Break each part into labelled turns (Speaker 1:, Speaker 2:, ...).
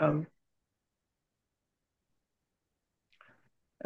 Speaker 1: أم.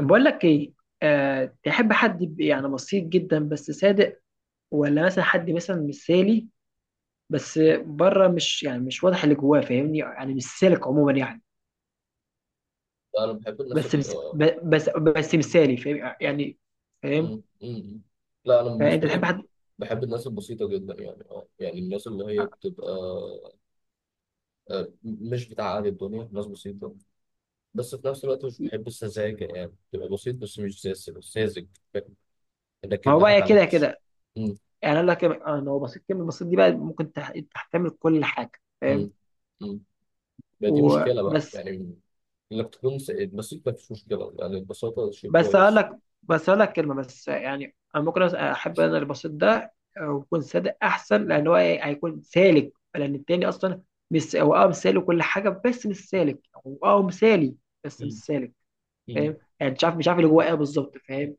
Speaker 1: بقول لك ايه؟ تحب حد يبقى يعني بسيط جدا بس صادق، ولا مثلا حد مثلا مثالي؟ بس بره مش يعني مش واضح اللي جواه، فاهمني؟ يعني مش سالك عموما يعني.
Speaker 2: لا، انا بحب الناس
Speaker 1: بس
Speaker 2: ال
Speaker 1: بس
Speaker 2: آه،
Speaker 1: بس
Speaker 2: م-
Speaker 1: مثالي، فاهم يعني؟ فاهم.
Speaker 2: م- م- لا، انا
Speaker 1: فانت
Speaker 2: بالنسبه
Speaker 1: تحب
Speaker 2: لي
Speaker 1: حد؟
Speaker 2: بحب الناس البسيطه جدا، يعني الناس اللي هي بتبقى مش بتاع اهل الدنيا، ناس بسيطه. بس في نفس الوقت مش بحب السذاجه، يعني تبقى بسيط بس مش ساذج ساذج. فاهم؟ انك
Speaker 1: ما هو
Speaker 2: يضحك
Speaker 1: بقى كده
Speaker 2: عليك بس.
Speaker 1: كده.
Speaker 2: م-
Speaker 1: يعني اقول لك إيه، ان هو بسيط، كلمه بسيط دي بقى ممكن تحتمل كل حاجه، فاهم؟
Speaker 2: م- م. ما دي مشكله بقى
Speaker 1: وبس
Speaker 2: يعني، انك تكون بسيط ما فيش مشكله، يعني البساطه شيء
Speaker 1: بس هقول
Speaker 2: كويس.
Speaker 1: لك، بس هقول لك كلمه بس. يعني انا ممكن احب انا البسيط ده ويكون صادق، احسن. لان هو هيكون سالك، لان التاني اصلا مش هو اه مثالي وكل حاجه بس مش سالك. هو اه مثالي بس مش
Speaker 2: م-
Speaker 1: سالك.
Speaker 2: م.
Speaker 1: فاهم يعني؟ مش عارف اللي جواه ايه بالظبط، فاهم؟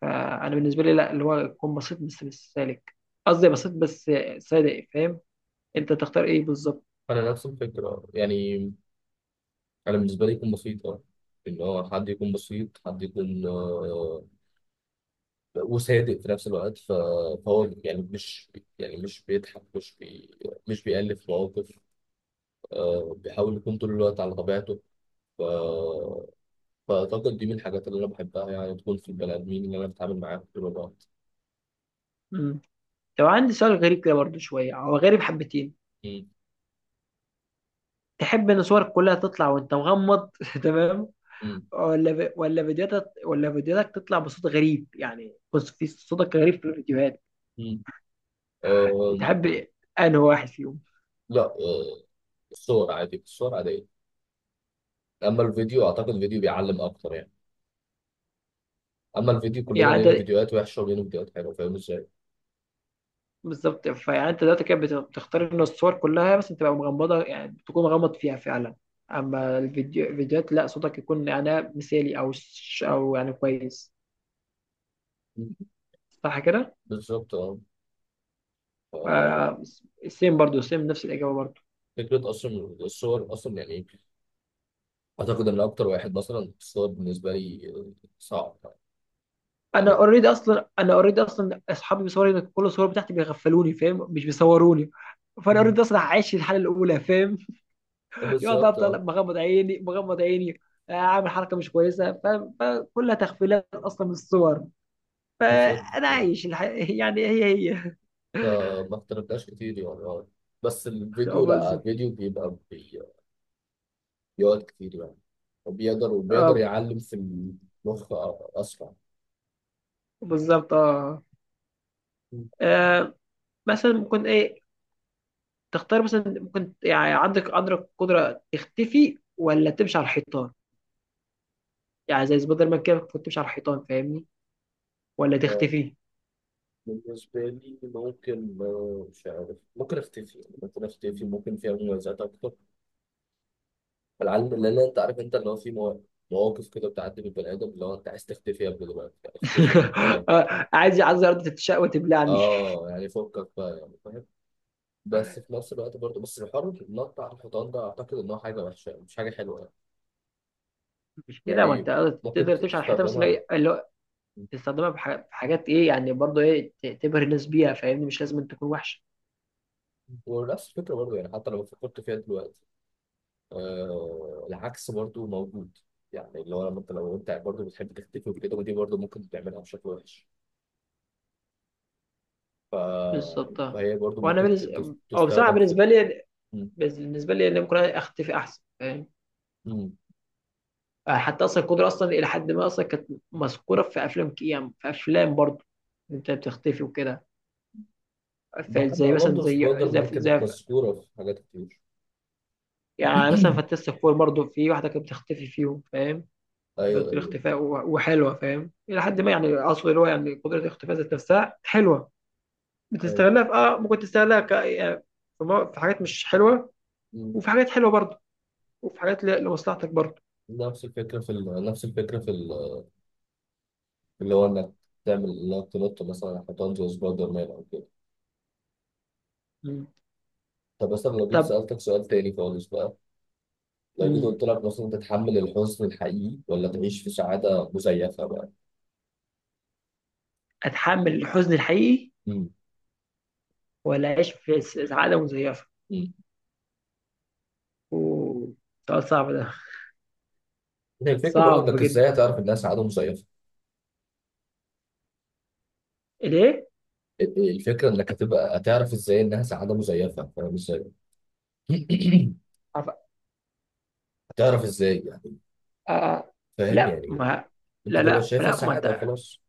Speaker 1: فانا بالنسبه لي لا، اللي هو يكون بسيط بس مش سالك، قصدي بسيط بس صادق، فاهم؟ انت تختار ايه بالظبط؟
Speaker 2: انا نفس الفكره يعني. انا بالنسبه لي يكون بسيط، اه، ان هو حد يكون بسيط، حد يكون وصادق في نفس الوقت. فهو يعني مش مش بيألف مواقف. آه، بيحاول يكون طول الوقت على طبيعته. ف- فأعتقد دي من الحاجات اللي أنا بحبها، يعني تكون في البني آدمين اللي أنا بتعامل معاهم طول الوقت.
Speaker 1: مم. لو عندي سؤال غريب كده برضه شويه، هو غريب حبتين.
Speaker 2: مم.
Speaker 1: تحب ان صورك كلها تطلع وانت مغمض تمام،
Speaker 2: مم.
Speaker 1: ولا فيديوهاتك تطلع بصوت غريب؟ يعني بص، في صوتك غريب في الفيديوهات.
Speaker 2: مم. آه،
Speaker 1: تحب انهي واحد فيهم؟
Speaker 2: لا، آه، الصور عادي، الصور عادية. أما الفيديو أعتقد الفيديو بيعلم أكتر يعني. أما الفيديو كلنا
Speaker 1: يعني انت
Speaker 2: لينا فيديوهات وحشة ولينا فيديوهات حلوة. فاهم إزاي؟
Speaker 1: بالظبط، فيعني انت دلوقتي كده بتختار ان الصور كلها بس تبقى مغمضه، يعني تكون مغمض فيها فعلا. اما الفيديو، الفيديوهات لا، صوتك يكون يعني مثالي او يعني كويس. صح كده؟
Speaker 2: بالظبط اه. ف-
Speaker 1: آه... سيم برضو، سيم نفس الاجابه برضو.
Speaker 2: فكرة أصلا الصور أصلا يعني، أعتقد إن أكتر واحد مثلا الصور بالنسبة لي، آه، صعب
Speaker 1: انا
Speaker 2: يعني.
Speaker 1: اوريدي اصلا انا اوريدي اصلا اصحابي بيصوروا كل الصور بتاعتي، بيغفلوني، فاهم؟ مش بيصوروني. فانا
Speaker 2: مم.
Speaker 1: اوريدي اصلا عايش الحاله الاولى، فاهم؟ يقعد
Speaker 2: بالظبط اه.
Speaker 1: افضل مغمض عيني. اعمل حركه مش كويسه، فاهم؟ فكلها تغفيلات اصلا من الصور.
Speaker 2: بالظبط
Speaker 1: فانا
Speaker 2: آه.
Speaker 1: عايش يعني هي.
Speaker 2: فما اختلفناش كتير يعني آه. بس
Speaker 1: اه
Speaker 2: الفيديو، لا،
Speaker 1: بالظبط.
Speaker 2: الفيديو بيقعد كتير يعني، وبيقدر
Speaker 1: اه
Speaker 2: يعلم في المخ آه أسرع.
Speaker 1: بالظبط اه.
Speaker 2: مم.
Speaker 1: آه، مثلا ممكن ايه؟ تختار مثلا ممكن، يعني عندك قدره تختفي ولا تمشي على الحيطان؟ يعني زي سبايدر مان كده، كنت تمشي على الحيطان، فاهمني؟ ولا
Speaker 2: آه،
Speaker 1: تختفي؟
Speaker 2: بالنسبة لي ممكن، آه، مش عارف، ممكن أختفي، ممكن فيها مميزات أكتر. العلم اللي انت عارف، انت اللي هو في مواقف كده بتعدي بالبني ادم، اللي هو انت عايز تختفي، يا ابني دلوقتي يعني اختفي من جواك بقى وبتاع.
Speaker 1: عايز ارض تتشق وتبلعني.
Speaker 2: اه يعني فكك بقى يعني، فاهم. بس في نفس الوقت برضه، بس الحر النط بتاع الحيطان ده اعتقد ان هو حاجه وحشه مش حاجه حلوه يعني.
Speaker 1: مش كده، ما انت
Speaker 2: يعني ممكن
Speaker 1: تقدر تمشي على الحيطه، بس
Speaker 2: تستخدمها.
Speaker 1: اللي هو تستخدمها في حاجات ايه يعني، برضه ايه تبهر الناس بيها، فاهمني؟ مش لازم تكون وحشه.
Speaker 2: ونفس الفكره برضه يعني، حتى لو فكرت فيها دلوقتي آه العكس برضه موجود. يعني اللي هو لما انت، لو انت برضه بتحب تختفي وكده، ودي برضه ممكن تعملها بشكل وحش. ف...
Speaker 1: بالظبط آه.
Speaker 2: فهي برضه
Speaker 1: وانا
Speaker 2: ممكن
Speaker 1: بالنسبه او بصراحه،
Speaker 2: تستخدم في.
Speaker 1: بالنسبه لي ان ممكن اختفي احسن، فاهم؟
Speaker 2: مم.
Speaker 1: حتى اصلا القدره اصلا الى حد ما اصلا كانت مذكوره في افلام، كيام في افلام برضه، إن انت بتختفي وكده. ف-
Speaker 2: بحب
Speaker 1: زي مثلا
Speaker 2: برضه
Speaker 1: زي
Speaker 2: سبايدر
Speaker 1: زي,
Speaker 2: مان، كانت
Speaker 1: زي
Speaker 2: مذكورة في حاجات كتير.
Speaker 1: يعني مثلا فانتاستيك فور برضه، في واحده كانت بتختفي فيهم، فاهم؟ قدرة
Speaker 2: ايوه ايوه
Speaker 1: الاختفاء وحلوة، فاهم؟ إلى حد ما، يعني أقصد اللي هو يعني قدرة الاختفاء ذات نفسها حلوة. بتستغلها
Speaker 2: ايوه
Speaker 1: في آه ممكن تستغلها يعني في في حاجات مش حلوة،
Speaker 2: مم.
Speaker 1: وفي حاجات حلوة برضه، وفي حاجات لمصلحتك برضه.
Speaker 2: نفس الفكرة في اللي هو انك تعمل انك تنط مثلا حيطان زي سبايدر مان او كده.
Speaker 1: مم.
Speaker 2: طب مثلا لو جيت
Speaker 1: طب.
Speaker 2: سألتك سؤال تاني خالص بقى، لو جيت
Speaker 1: مم.
Speaker 2: قلت لك مثلا، تتحمل الحزن الحقيقي ولا تعيش في سعادة مزيفة بقى؟
Speaker 1: أتحمل الحزن الحقيقي
Speaker 2: مم.
Speaker 1: ولا أعيش سعادة مزيفة؟
Speaker 2: مم.
Speaker 1: أوه، سؤال صعب ده.
Speaker 2: هي الفكرة برضه
Speaker 1: صعب
Speaker 2: انك
Speaker 1: جدا.
Speaker 2: ازاي هتعرف انها سعادة مزيفة.
Speaker 1: ليه؟
Speaker 2: الفكرة انك هتبقى هتعرف ازاي انها سعادة مزيفة، فاهم ازاي؟
Speaker 1: عف-
Speaker 2: هتعرف ازاي،
Speaker 1: آه...
Speaker 2: فاهم
Speaker 1: لا
Speaker 2: يعني.
Speaker 1: ما،
Speaker 2: انت
Speaker 1: لا
Speaker 2: تبقى
Speaker 1: لا
Speaker 2: شايفها
Speaker 1: لا ما
Speaker 2: سعاده
Speaker 1: أنت.
Speaker 2: وخلاص.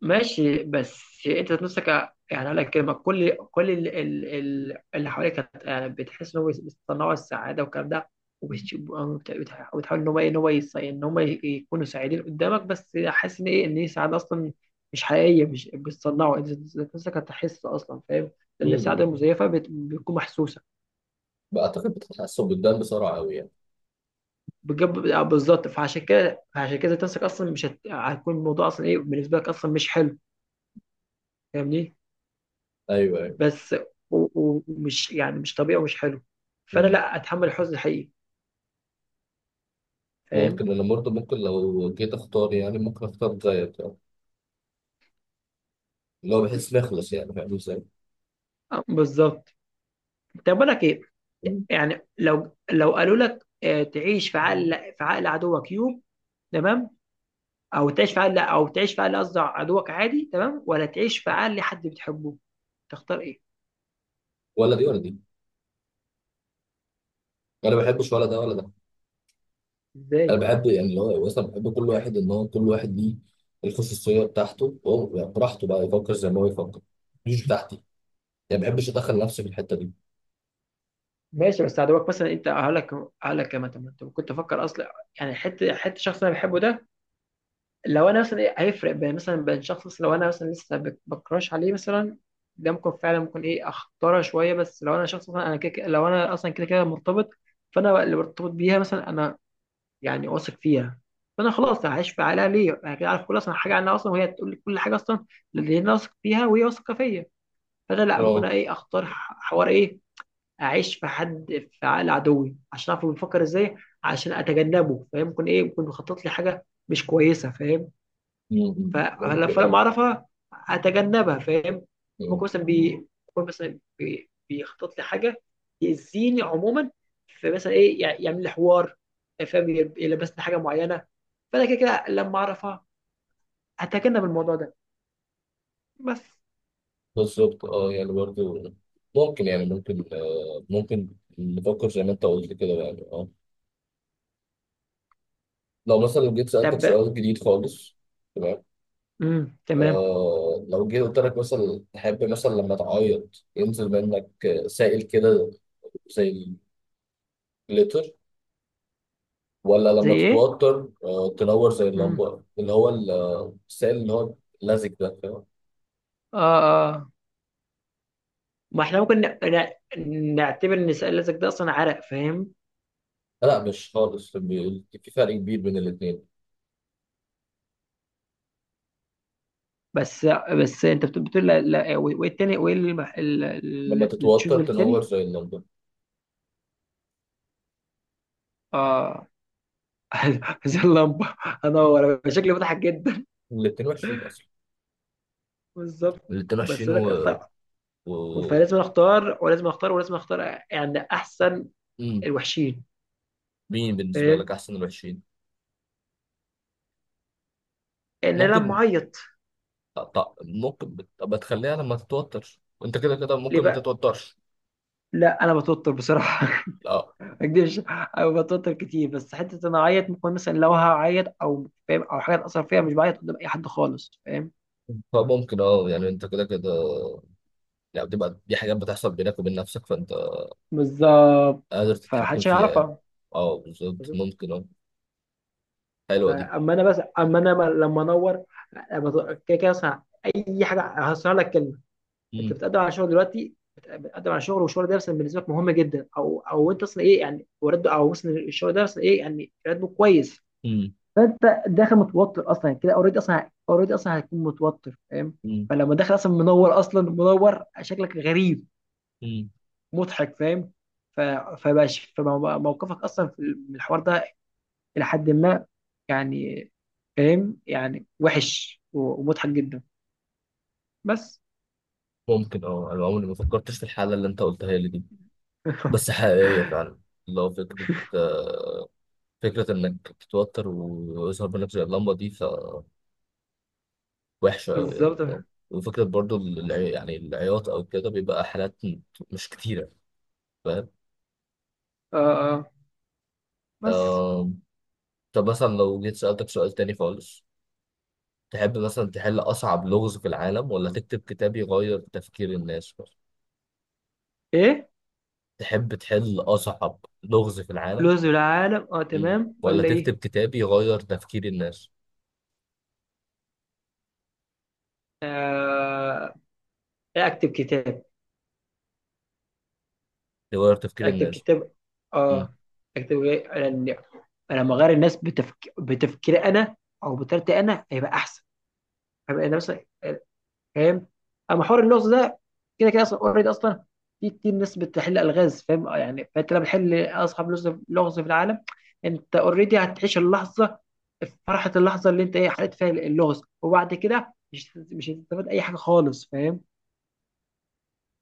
Speaker 1: ماشي، بس انت ذات نفسك، يعني اقول لك كلمه، كل اللي حواليك يعني بتحس ان هو بيصنعوا السعاده والكلام ده، وبتحاول ان هو ايه، ان هو ان هم يكونوا سعيدين قدامك، بس حاسس ان ايه، ان هي سعاده اصلا مش حقيقيه، مش بتصنعوا، انت ذات نفسك هتحس اصلا، فاهم؟ لان السعاده
Speaker 2: امم،
Speaker 1: المزيفه بتكون محسوسه.
Speaker 2: بعتقد بتتحسن قدام بسرعه قوي يعني.
Speaker 1: بتجيب بالظبط. فعشان كده ذات نفسك اصلا مش هت... هيكون الموضوع اصلا ايه بالنسبه لك اصلا مش حلو، فاهمني؟
Speaker 2: ايوه، ايوه.
Speaker 1: بس و- ومش يعني مش طبيعي ومش حلو. فانا
Speaker 2: مم.
Speaker 1: لا اتحمل الحزن الحقيقي، فاهم؟
Speaker 2: ممكن انا برضه، ممكن لو جيت اختار يعني ممكن اختار زيك يعني، اللي هو بحس نخلص يعني، فاهم ازاي.
Speaker 1: بالظبط. طب بقول لك ايه،
Speaker 2: مم.
Speaker 1: يعني لو قالوا لك تعيش في عقل عدوك يوم، تمام، او تعيش في عقل لا، او تعيش في عقل، قصدي عدوك عادي تمام، ولا تعيش في عقل حد بتحبه، تختار ايه؟
Speaker 2: ولا دي ولا دي، انا ما بحبش ولا ده ولا ده.
Speaker 1: ازاي؟
Speaker 2: انا بحب يعني اللي هو اصلا بحب كل واحد ان هو كل واحد ليه الخصوصيه بتاعته هو، يعني براحته بقى يفكر زي ما هو يفكر، مش بتاعتي. يعني ما بحبش ادخل نفسي في الحته دي.
Speaker 1: ماشي، بس عدوك مثلا، انت هقول لك كمان، طب ما انت كنت افكر اصلا، يعني حته شخص انا بحبه ده، لو انا مثلا إيه، هيفرق بين مثلا بين شخص مثلاً، لو انا مثلا لسه بكراش عليه مثلا، ده ممكن فعلا ممكن ايه اختاره شويه، بس لو انا شخص مثلا انا كده كده- لو انا اصلا كده كده مرتبط، فانا اللي مرتبط بيها مثلا انا، يعني واثق فيها، فانا خلاص هعيش في عليها ليه؟ انا كده عارف كل اصلا حاجه عنها اصلا، وهي تقول لي كل حاجه اصلا، اللي انا واثق فيها وهي واثقه فيا. فانا لا، ممكن
Speaker 2: اه.
Speaker 1: أنا ايه، اختار حوار ايه، اعيش في حد، في عقل عدوي عشان اعرف هو بيفكر ازاي، عشان اتجنبه، فاهم؟ ممكن ايه، ممكن يخطط لي حاجه مش كويسه، فاهم؟ ف-
Speaker 2: مم.
Speaker 1: فلما لما
Speaker 2: ممكن
Speaker 1: اعرفها اتجنبها، فاهم؟
Speaker 2: اه.
Speaker 1: ممكن مثلا بي... بيخطط لي حاجه يأذيني عموما، فمثلا ايه يعمل لي حوار، فاهم؟ يلبسني حاجه معينه، فانا كده كده لما اعرفها اتجنب الموضوع ده بس.
Speaker 2: بالظبط اه، يعني برضه ممكن، ممكن نفكر زي ما انت قلت كده، يعني اه. لو مثلا جيت
Speaker 1: طب،
Speaker 2: سألتك سؤال جديد خالص. تمام.
Speaker 1: تمام.
Speaker 2: آه، لو جيت قلت لك مثلا، تحب مثلا لما تعيط ينزل منك، آه، سائل كده زي الجليتر، ولا
Speaker 1: زي
Speaker 2: لما
Speaker 1: ايه؟
Speaker 2: تتوتر آه تنور زي
Speaker 1: امم.
Speaker 2: اللمبة، اللي هو السائل اللي هو لزج ده، فاهم.
Speaker 1: اه. اه ما احنا ممكن نعتبر ان سؤالك ده اصلا عرق، فاهم؟
Speaker 2: لا مش خالص، في فرق كبير بين الاتنين.
Speaker 1: بس، بتقول لا وايه التاني، وايه
Speaker 2: لما
Speaker 1: التشوز
Speaker 2: تتوتر تنور
Speaker 1: التاني؟
Speaker 2: زي اللمبة.
Speaker 1: اه زي اللمبه، هنور أنا، شكلي مضحك جدا.
Speaker 2: الاتنين وحشين أصلا.
Speaker 1: بالظبط.
Speaker 2: اللي قدام
Speaker 1: بس
Speaker 2: 20،
Speaker 1: لك اختار،
Speaker 2: و...
Speaker 1: فلازم اختار ولازم اختار. يعني احسن
Speaker 2: مم.
Speaker 1: الوحشين،
Speaker 2: مين بالنسبة لك
Speaker 1: فاهم؟
Speaker 2: أحسن من 20؟
Speaker 1: ان انا
Speaker 2: ممكن،
Speaker 1: معيط
Speaker 2: أبقى تخليها لما تتوتر، وأنت كده كده
Speaker 1: ليه
Speaker 2: ممكن ما
Speaker 1: بقى؟
Speaker 2: تتوترش.
Speaker 1: لا انا بتوتر بصراحه
Speaker 2: لا.
Speaker 1: ما اكدبش. انا بتوتر كتير، بس حته ان انا اعيط، ممكن مثلا لو هعيط او فاهم او حاجه تاثر فيها، مش بعيط قدام اي حد خالص، فاهم؟
Speaker 2: فممكن اه، يعني أنت كده كده يعني بتبقى دي حاجات بتحصل بينك وبين نفسك، فأنت
Speaker 1: بالظبط،
Speaker 2: قادر تتحكم
Speaker 1: فمحدش
Speaker 2: فيها يعني.
Speaker 1: هيعرفها.
Speaker 2: اه بالظبط ممكن اه. حلوة دي.
Speaker 1: فاما انا بس، اما انا لما انور، لما كده كده مثلا اي حاجه، هسهل لك كلمه. انت
Speaker 2: مم.
Speaker 1: بتقدم على شغل دلوقتي، بتقدم على شغل، والشغل ده مثلا بالنسبه لك مهم جدا، او انت اصلا ايه يعني ورد، او مثلا الشغل ده مثلا ايه يعني راتبه كويس.
Speaker 2: مم.
Speaker 1: فانت داخل متوتر اصلا كده، اوريدي اصلا، اوريدي اصلا هتكون متوتر، فاهم؟
Speaker 2: مم.
Speaker 1: فلما داخل اصلا منور، اصلا منور شكلك غريب،
Speaker 2: مم.
Speaker 1: مضحك، فاهم؟ ف- فموقفك اصلا في الحوار ده، إلى حد ما، يعني فاهم يعني وحش ومضحك جدا، بس.
Speaker 2: ممكن اه، أنا عمري ما فكرتش في الحالة اللي أنت قلتها لي دي، بس حقيقية فعلا. لو فكرة، آه، فكرة إنك تتوتر ويظهر منك زي اللمبة دي، فوحشة أوي يعني
Speaker 1: بالظبط
Speaker 2: أه.
Speaker 1: اه.
Speaker 2: وفكرة برضو يعني العياط أو كده بيبقى حالات مش كتيرة، فاهم؟
Speaker 1: اه بس
Speaker 2: آه. طب مثلا لو جيت سألتك سؤال تاني خالص، تحب مثلا تحل أصعب لغز في العالم ولا تكتب كتاب يغير تفكير الناس؟
Speaker 1: ايه،
Speaker 2: تحب تحل أصعب لغز في العالم،
Speaker 1: لوز العالم اه،
Speaker 2: مم،
Speaker 1: تمام
Speaker 2: ولا
Speaker 1: ولا ايه؟
Speaker 2: تكتب كتاب يغير تفكير الناس؟
Speaker 1: إيه، اكتب كتاب.
Speaker 2: يغير تفكير
Speaker 1: اكتب
Speaker 2: الناس؟
Speaker 1: كتاب اه. اكتب ايه انا، أنا لما اغير الناس بتفكيري انا، او بطريقتي انا، هيبقى احسن، هيبقى انا مثلا، فاهم؟ اما حوار اللغز ده، كده كده اصلا اوريدي اصلا في كتير ناس بتحل الغاز، فاهم يعني؟ فانت لما بتحل اصعب لغز في العالم، انت اوريدي هتعيش اللحظه، فرحه اللحظه اللي انت ايه حليت فيها اللغز، وبعد كده مش هتستفاد اي حاجه خالص، فاهم؟